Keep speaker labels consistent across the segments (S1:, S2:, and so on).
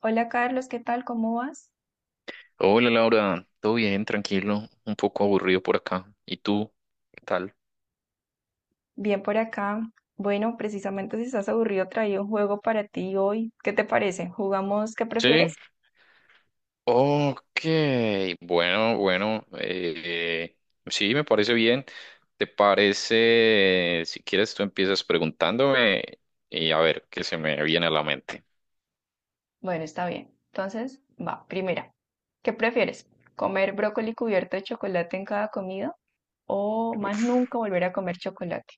S1: Hola Carlos, ¿qué tal? ¿Cómo vas?
S2: Hola Laura, todo bien, tranquilo, un poco aburrido por acá. ¿Y tú? ¿Qué tal?
S1: Bien por acá. Bueno, precisamente si estás aburrido, traí un juego para ti hoy. ¿Qué te parece? ¿Jugamos qué
S2: Sí.
S1: prefieres?
S2: Ok, bueno, bueno, sí, me parece bien. ¿Te parece, si quieres, tú empiezas preguntándome y a ver qué se me viene a la mente?
S1: Bueno, está bien. Entonces, va, primera. ¿Qué prefieres? ¿Comer brócoli cubierto de chocolate en cada comida o más
S2: Uf.
S1: nunca volver a comer chocolate?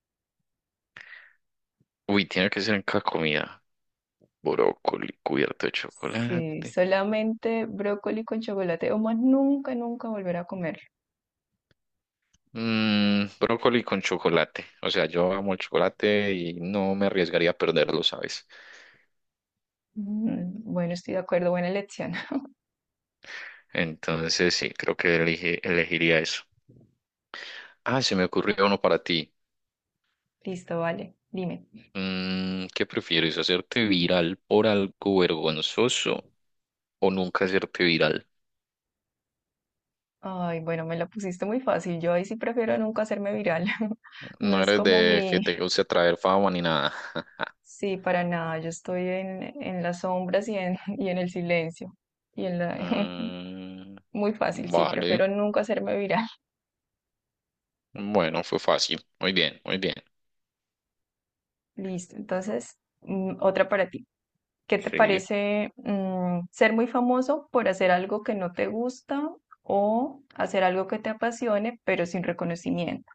S2: Uy, tiene que ser en cada comida. Brócoli cubierto de
S1: Sí,
S2: chocolate.
S1: solamente brócoli con chocolate o más nunca, nunca volver a comerlo.
S2: Brócoli con chocolate. O sea, yo amo el chocolate y no me arriesgaría a perderlo, ¿sabes?
S1: Bueno, estoy de acuerdo, buena elección.
S2: Entonces, sí, creo que elegiría eso. Ah, se me ocurrió uno para ti.
S1: Listo, vale. Dime.
S2: ¿Qué prefieres? ¿Hacerte viral por algo vergonzoso o nunca hacerte viral?
S1: Ay, bueno, me la pusiste muy fácil. Yo ahí sí prefiero nunca hacerme viral. No
S2: No
S1: es
S2: eres
S1: como
S2: de que
S1: mi...
S2: te guste atraer fama ni nada.
S1: Sí, para nada. Yo estoy en las sombras y en, y en el silencio. Y en la...
S2: Mm,
S1: Muy fácil, sí,
S2: vale.
S1: prefiero nunca hacerme viral.
S2: Bueno, fue fácil. Muy bien, muy bien.
S1: Listo. Entonces, otra para ti. ¿Qué te
S2: Sí.
S1: parece, ser muy famoso por hacer algo que no te gusta o hacer algo que te apasione, pero sin reconocimiento?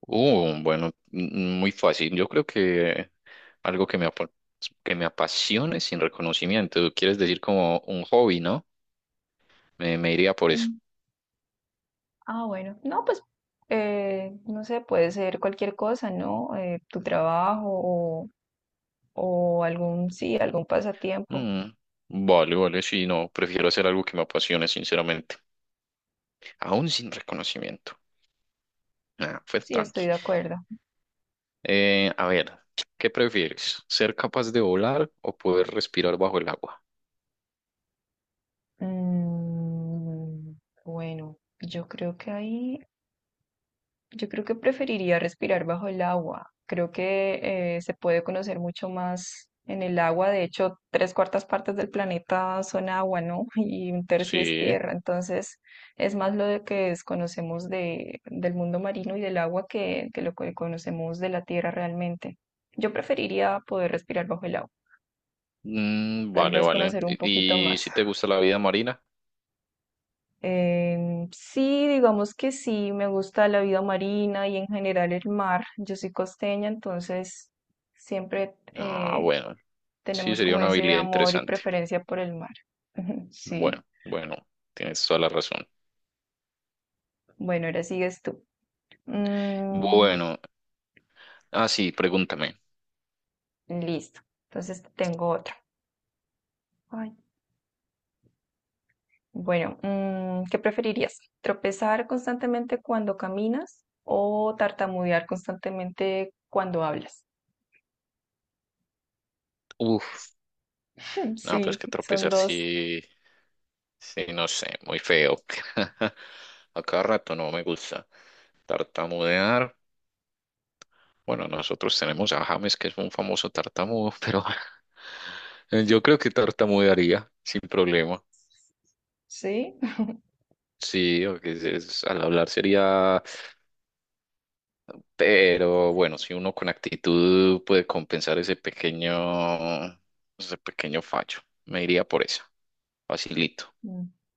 S2: Bueno, muy fácil. Yo creo que algo que que me apasione sin reconocimiento. Quieres decir como un hobby, ¿no? Me iría por eso.
S1: Mm, bueno, no, pues, no sé, puede ser cualquier cosa, ¿no? Tu trabajo o algún, sí, algún pasatiempo.
S2: Mm, vale, vale, sí, no, prefiero hacer algo que me apasione, sinceramente. Aún sin reconocimiento. Nah, pues
S1: Sí, estoy
S2: tranqui.
S1: de acuerdo.
S2: A ver, ¿qué prefieres? ¿Ser capaz de volar o poder respirar bajo el agua?
S1: Mm, bueno, yo creo que ahí yo creo que preferiría respirar bajo el agua. Creo que, se puede conocer mucho más en el agua. De hecho, tres cuartas partes del planeta son agua, ¿no? Y un tercio es
S2: Sí.
S1: tierra. Entonces, es más lo de que desconocemos de, del mundo marino y del agua que lo que conocemos de la tierra realmente. Yo preferiría poder respirar bajo el agua.
S2: Mm,
S1: Tal
S2: vale,
S1: vez
S2: vale.
S1: conocer un poquito
S2: ¿Y
S1: más.
S2: si te gusta la vida marina?
S1: Sí, digamos que sí, me gusta la vida marina y en general el mar. Yo soy costeña, entonces siempre
S2: Ah, bueno, sí,
S1: tenemos
S2: sería
S1: como
S2: una
S1: ese
S2: habilidad
S1: amor y
S2: interesante.
S1: preferencia por el mar. Sí,
S2: Bueno, bueno, tienes toda la razón.
S1: bueno, ahora sigues tú. Mm,
S2: Bueno, ah, sí, pregúntame.
S1: listo, entonces tengo otro. Ay, bueno, ¿qué preferirías? ¿Tropezar constantemente cuando caminas o tartamudear constantemente cuando hablas?
S2: Uf, no, pues
S1: Sí,
S2: que
S1: son
S2: tropezar
S1: dos,
S2: sí, sí, no sé, muy feo. A cada rato no me gusta tartamudear. Bueno, nosotros tenemos a James, que es un famoso tartamudo, pero yo creo que tartamudearía sin problema.
S1: sí.
S2: Sí, o que al hablar sería... Pero bueno, si uno con actitud puede compensar ese pequeño fallo, me iría por eso. Facilito.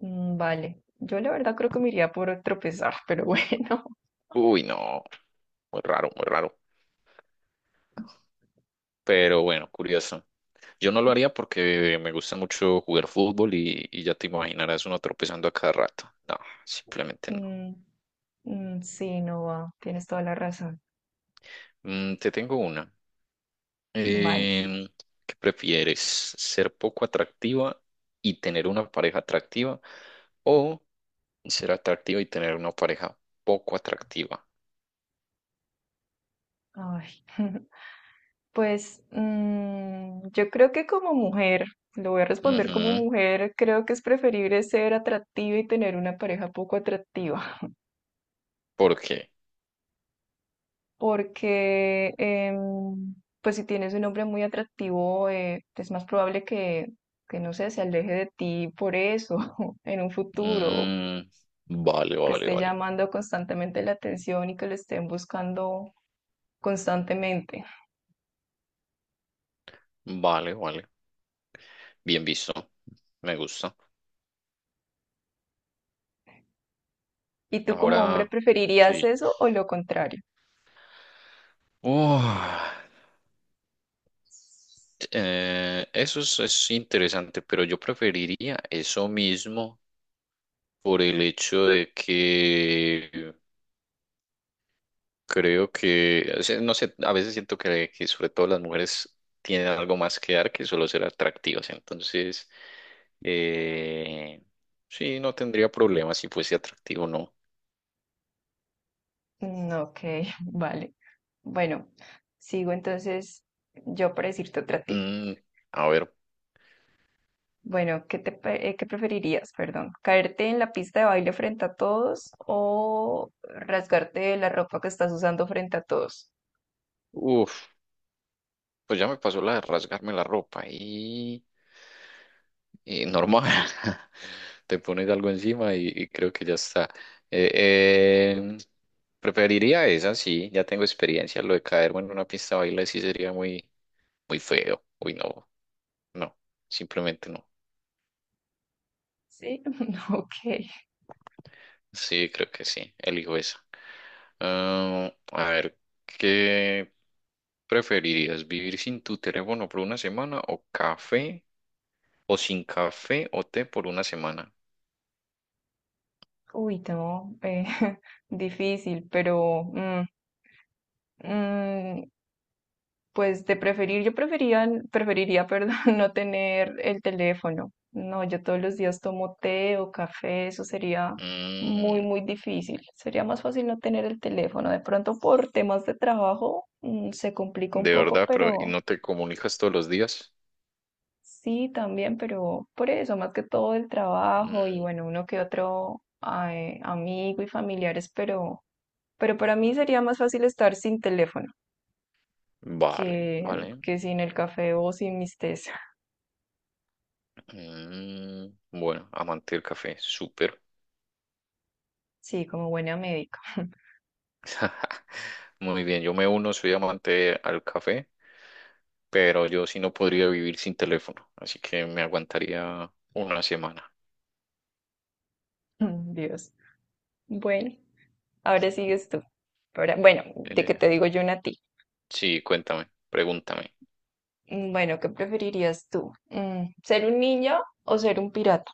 S1: Vale, yo la verdad creo que me iría por tropezar, pero bueno.
S2: Uy, no, muy raro, muy raro. Pero bueno, curioso. Yo no lo haría porque me gusta mucho jugar fútbol y ya te imaginarás uno tropezando a cada rato. No, simplemente no.
S1: Mm, sí, no va, tienes toda la razón.
S2: Te tengo una.
S1: Vale.
S2: Em, ¿qué prefieres? ¿Ser poco atractiva y tener una pareja atractiva o ser atractiva y tener una pareja poco atractiva?
S1: Ay. Pues, yo creo que como mujer, lo voy a responder
S2: Ujú.
S1: como mujer, creo que es preferible ser atractiva y tener una pareja poco atractiva.
S2: ¿Por qué?
S1: Porque, pues si tienes un hombre muy atractivo, es más probable que, no sé, se aleje de ti por eso en un futuro,
S2: Mm, vale,
S1: que
S2: vale,
S1: esté
S2: vale.
S1: llamando constantemente la atención y que lo estén buscando constantemente.
S2: Vale, vale. Bien visto. Me gusta.
S1: ¿Y tú como hombre
S2: Ahora
S1: preferirías
S2: sí.
S1: eso o lo contrario?
S2: Oh, eso es interesante, pero yo preferiría eso mismo por el hecho de que creo que, o sea, no sé, a veces siento que sobre todo las mujeres tienen algo más que dar que solo ser atractivas. Entonces, eh, sí, no tendría problema si fuese atractivo o no.
S1: Ok, vale. Bueno, sigo entonces yo para decirte otra tip.
S2: Mm, a ver,
S1: Bueno, ¿qué te, qué preferirías, perdón? ¿Caerte en la pista de baile frente a todos o rasgarte la ropa que estás usando frente a todos?
S2: uff, pues ya me pasó la de rasgarme la ropa y normal. Te pones algo encima y creo que ya está. Eh, eh, preferiría esa, sí, ya tengo experiencia. Lo de caerme en una pista de baile sí sería muy, muy feo. Uy, no, no, simplemente no.
S1: Sí, ok.
S2: Sí, creo que sí, elijo esa. Ah, a ver, ¿qué preferirías? ¿Vivir sin tu teléfono por una semana o café? ¿O sin café o té por una semana?
S1: Uy, no, difícil, pero mm, pues de preferir, yo preferiría, perdón, no tener el teléfono. No, yo todos los días tomo té o café, eso sería muy,
S2: Mm,
S1: muy difícil. Sería más fácil no tener el teléfono. De pronto por temas de trabajo, se complica un
S2: de
S1: poco,
S2: verdad, pero ¿y
S1: pero
S2: no te comunicas todos los días?
S1: sí también, pero por eso, más que todo el trabajo y
S2: Mm.
S1: bueno, uno que otro ay, amigo y familiares, pero para mí sería más fácil estar sin teléfono
S2: Vale,
S1: que,
S2: vale.
S1: que sin el café o sin mis tés.
S2: Bueno, amante del café, súper.
S1: Sí, como buena médica.
S2: Muy bien, yo me uno, soy amante al café, pero yo sí no podría vivir sin teléfono, así que me aguantaría una semana.
S1: Dios. Bueno, ahora sigues tú. Bueno, de que
S2: Eh,
S1: te digo yo una a ti.
S2: sí, cuéntame, pregúntame.
S1: Bueno, ¿qué preferirías tú? ¿Ser un ninja o ser un pirata?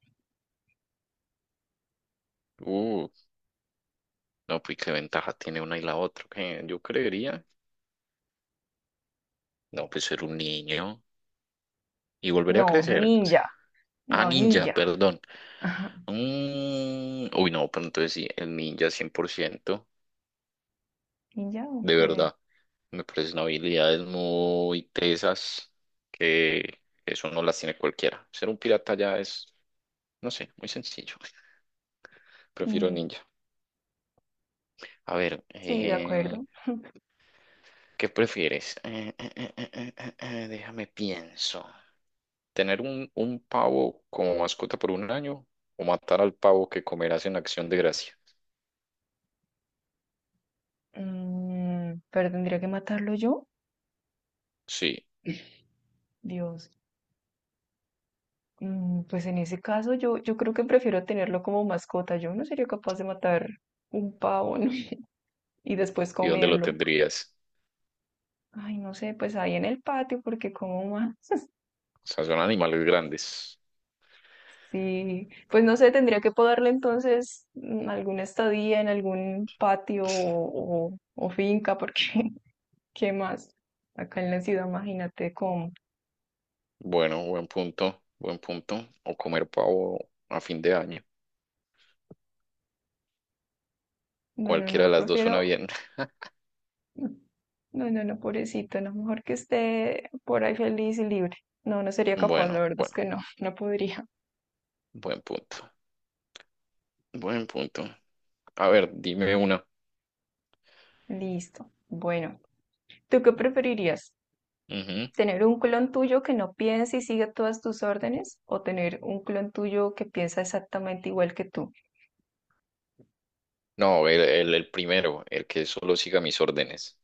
S2: Uh, no, pues qué ventaja tiene una y la otra. ¿Qué? Yo creería, no, pues ser un niño y volver a
S1: No,
S2: crecer. O sea,
S1: ninja.
S2: ah,
S1: No,
S2: ninja,
S1: ninja.
S2: perdón.
S1: Ajá.
S2: Uy, no, pero entonces sí, el ninja 100%
S1: Ninja,
S2: de
S1: ok.
S2: verdad. Me parecen habilidades muy tesas que eso no las tiene cualquiera. Ser un pirata ya es, no sé, muy sencillo. Prefiero
S1: Mm,
S2: ninja. A ver,
S1: sí, de acuerdo.
S2: ¿qué prefieres? Déjame pienso. ¿Tener un pavo como mascota por un año o matar al pavo que comerás en Acción de Gracia?
S1: Pero tendría que matarlo yo.
S2: Sí.
S1: Dios. Pues en ese caso yo creo que prefiero tenerlo como mascota. Yo no sería capaz de matar un pavo, ¿no? Y después
S2: ¿Y dónde lo
S1: comerlo.
S2: tendrías?
S1: Ay, no sé, pues ahí en el patio, porque como más,
S2: O sea, son animales grandes.
S1: sí, pues no sé, tendría que poderle entonces, alguna estadía en algún patio o, o finca, porque ¿qué más? Acá en la ciudad, imagínate cómo.
S2: Bueno, buen punto, buen punto. O comer pavo a fin de año.
S1: No, no,
S2: Cualquiera
S1: no,
S2: de las dos suena
S1: prefiero,
S2: bien.
S1: no, no, no, pobrecito, no, mejor que esté por ahí feliz y libre. No, no sería capaz, la
S2: Bueno,
S1: verdad es
S2: bueno,
S1: que no, no podría.
S2: buen punto. Buen punto. A ver, dime una.
S1: Listo. Bueno, ¿tú qué preferirías?
S2: Ujú.
S1: Tener un clon tuyo que no piense y siga todas tus órdenes o tener un clon tuyo que piensa exactamente igual que tú.
S2: No, el primero, el que solo siga mis órdenes.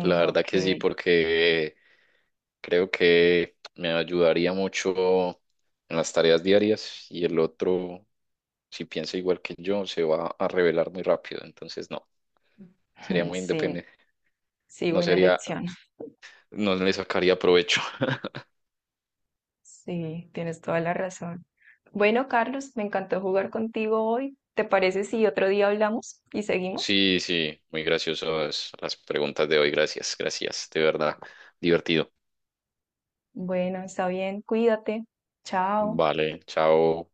S2: La verdad que sí,
S1: Ok,
S2: porque creo que me ayudaría mucho en las tareas diarias y el otro, si piensa igual que yo, se va a revelar muy rápido. Entonces, no, sería muy
S1: sí,
S2: independiente.
S1: sí,
S2: No
S1: buena
S2: sería.
S1: lección.
S2: No le sacaría provecho.
S1: Sí, tienes toda la razón. Bueno, Carlos, me encantó jugar contigo hoy. ¿Te parece si otro día hablamos y seguimos?
S2: Sí, sí, muy graciosas las preguntas de hoy. Gracias, gracias, de verdad, divertido.
S1: Bueno, está bien, cuídate. Chao.
S2: Vale, chao.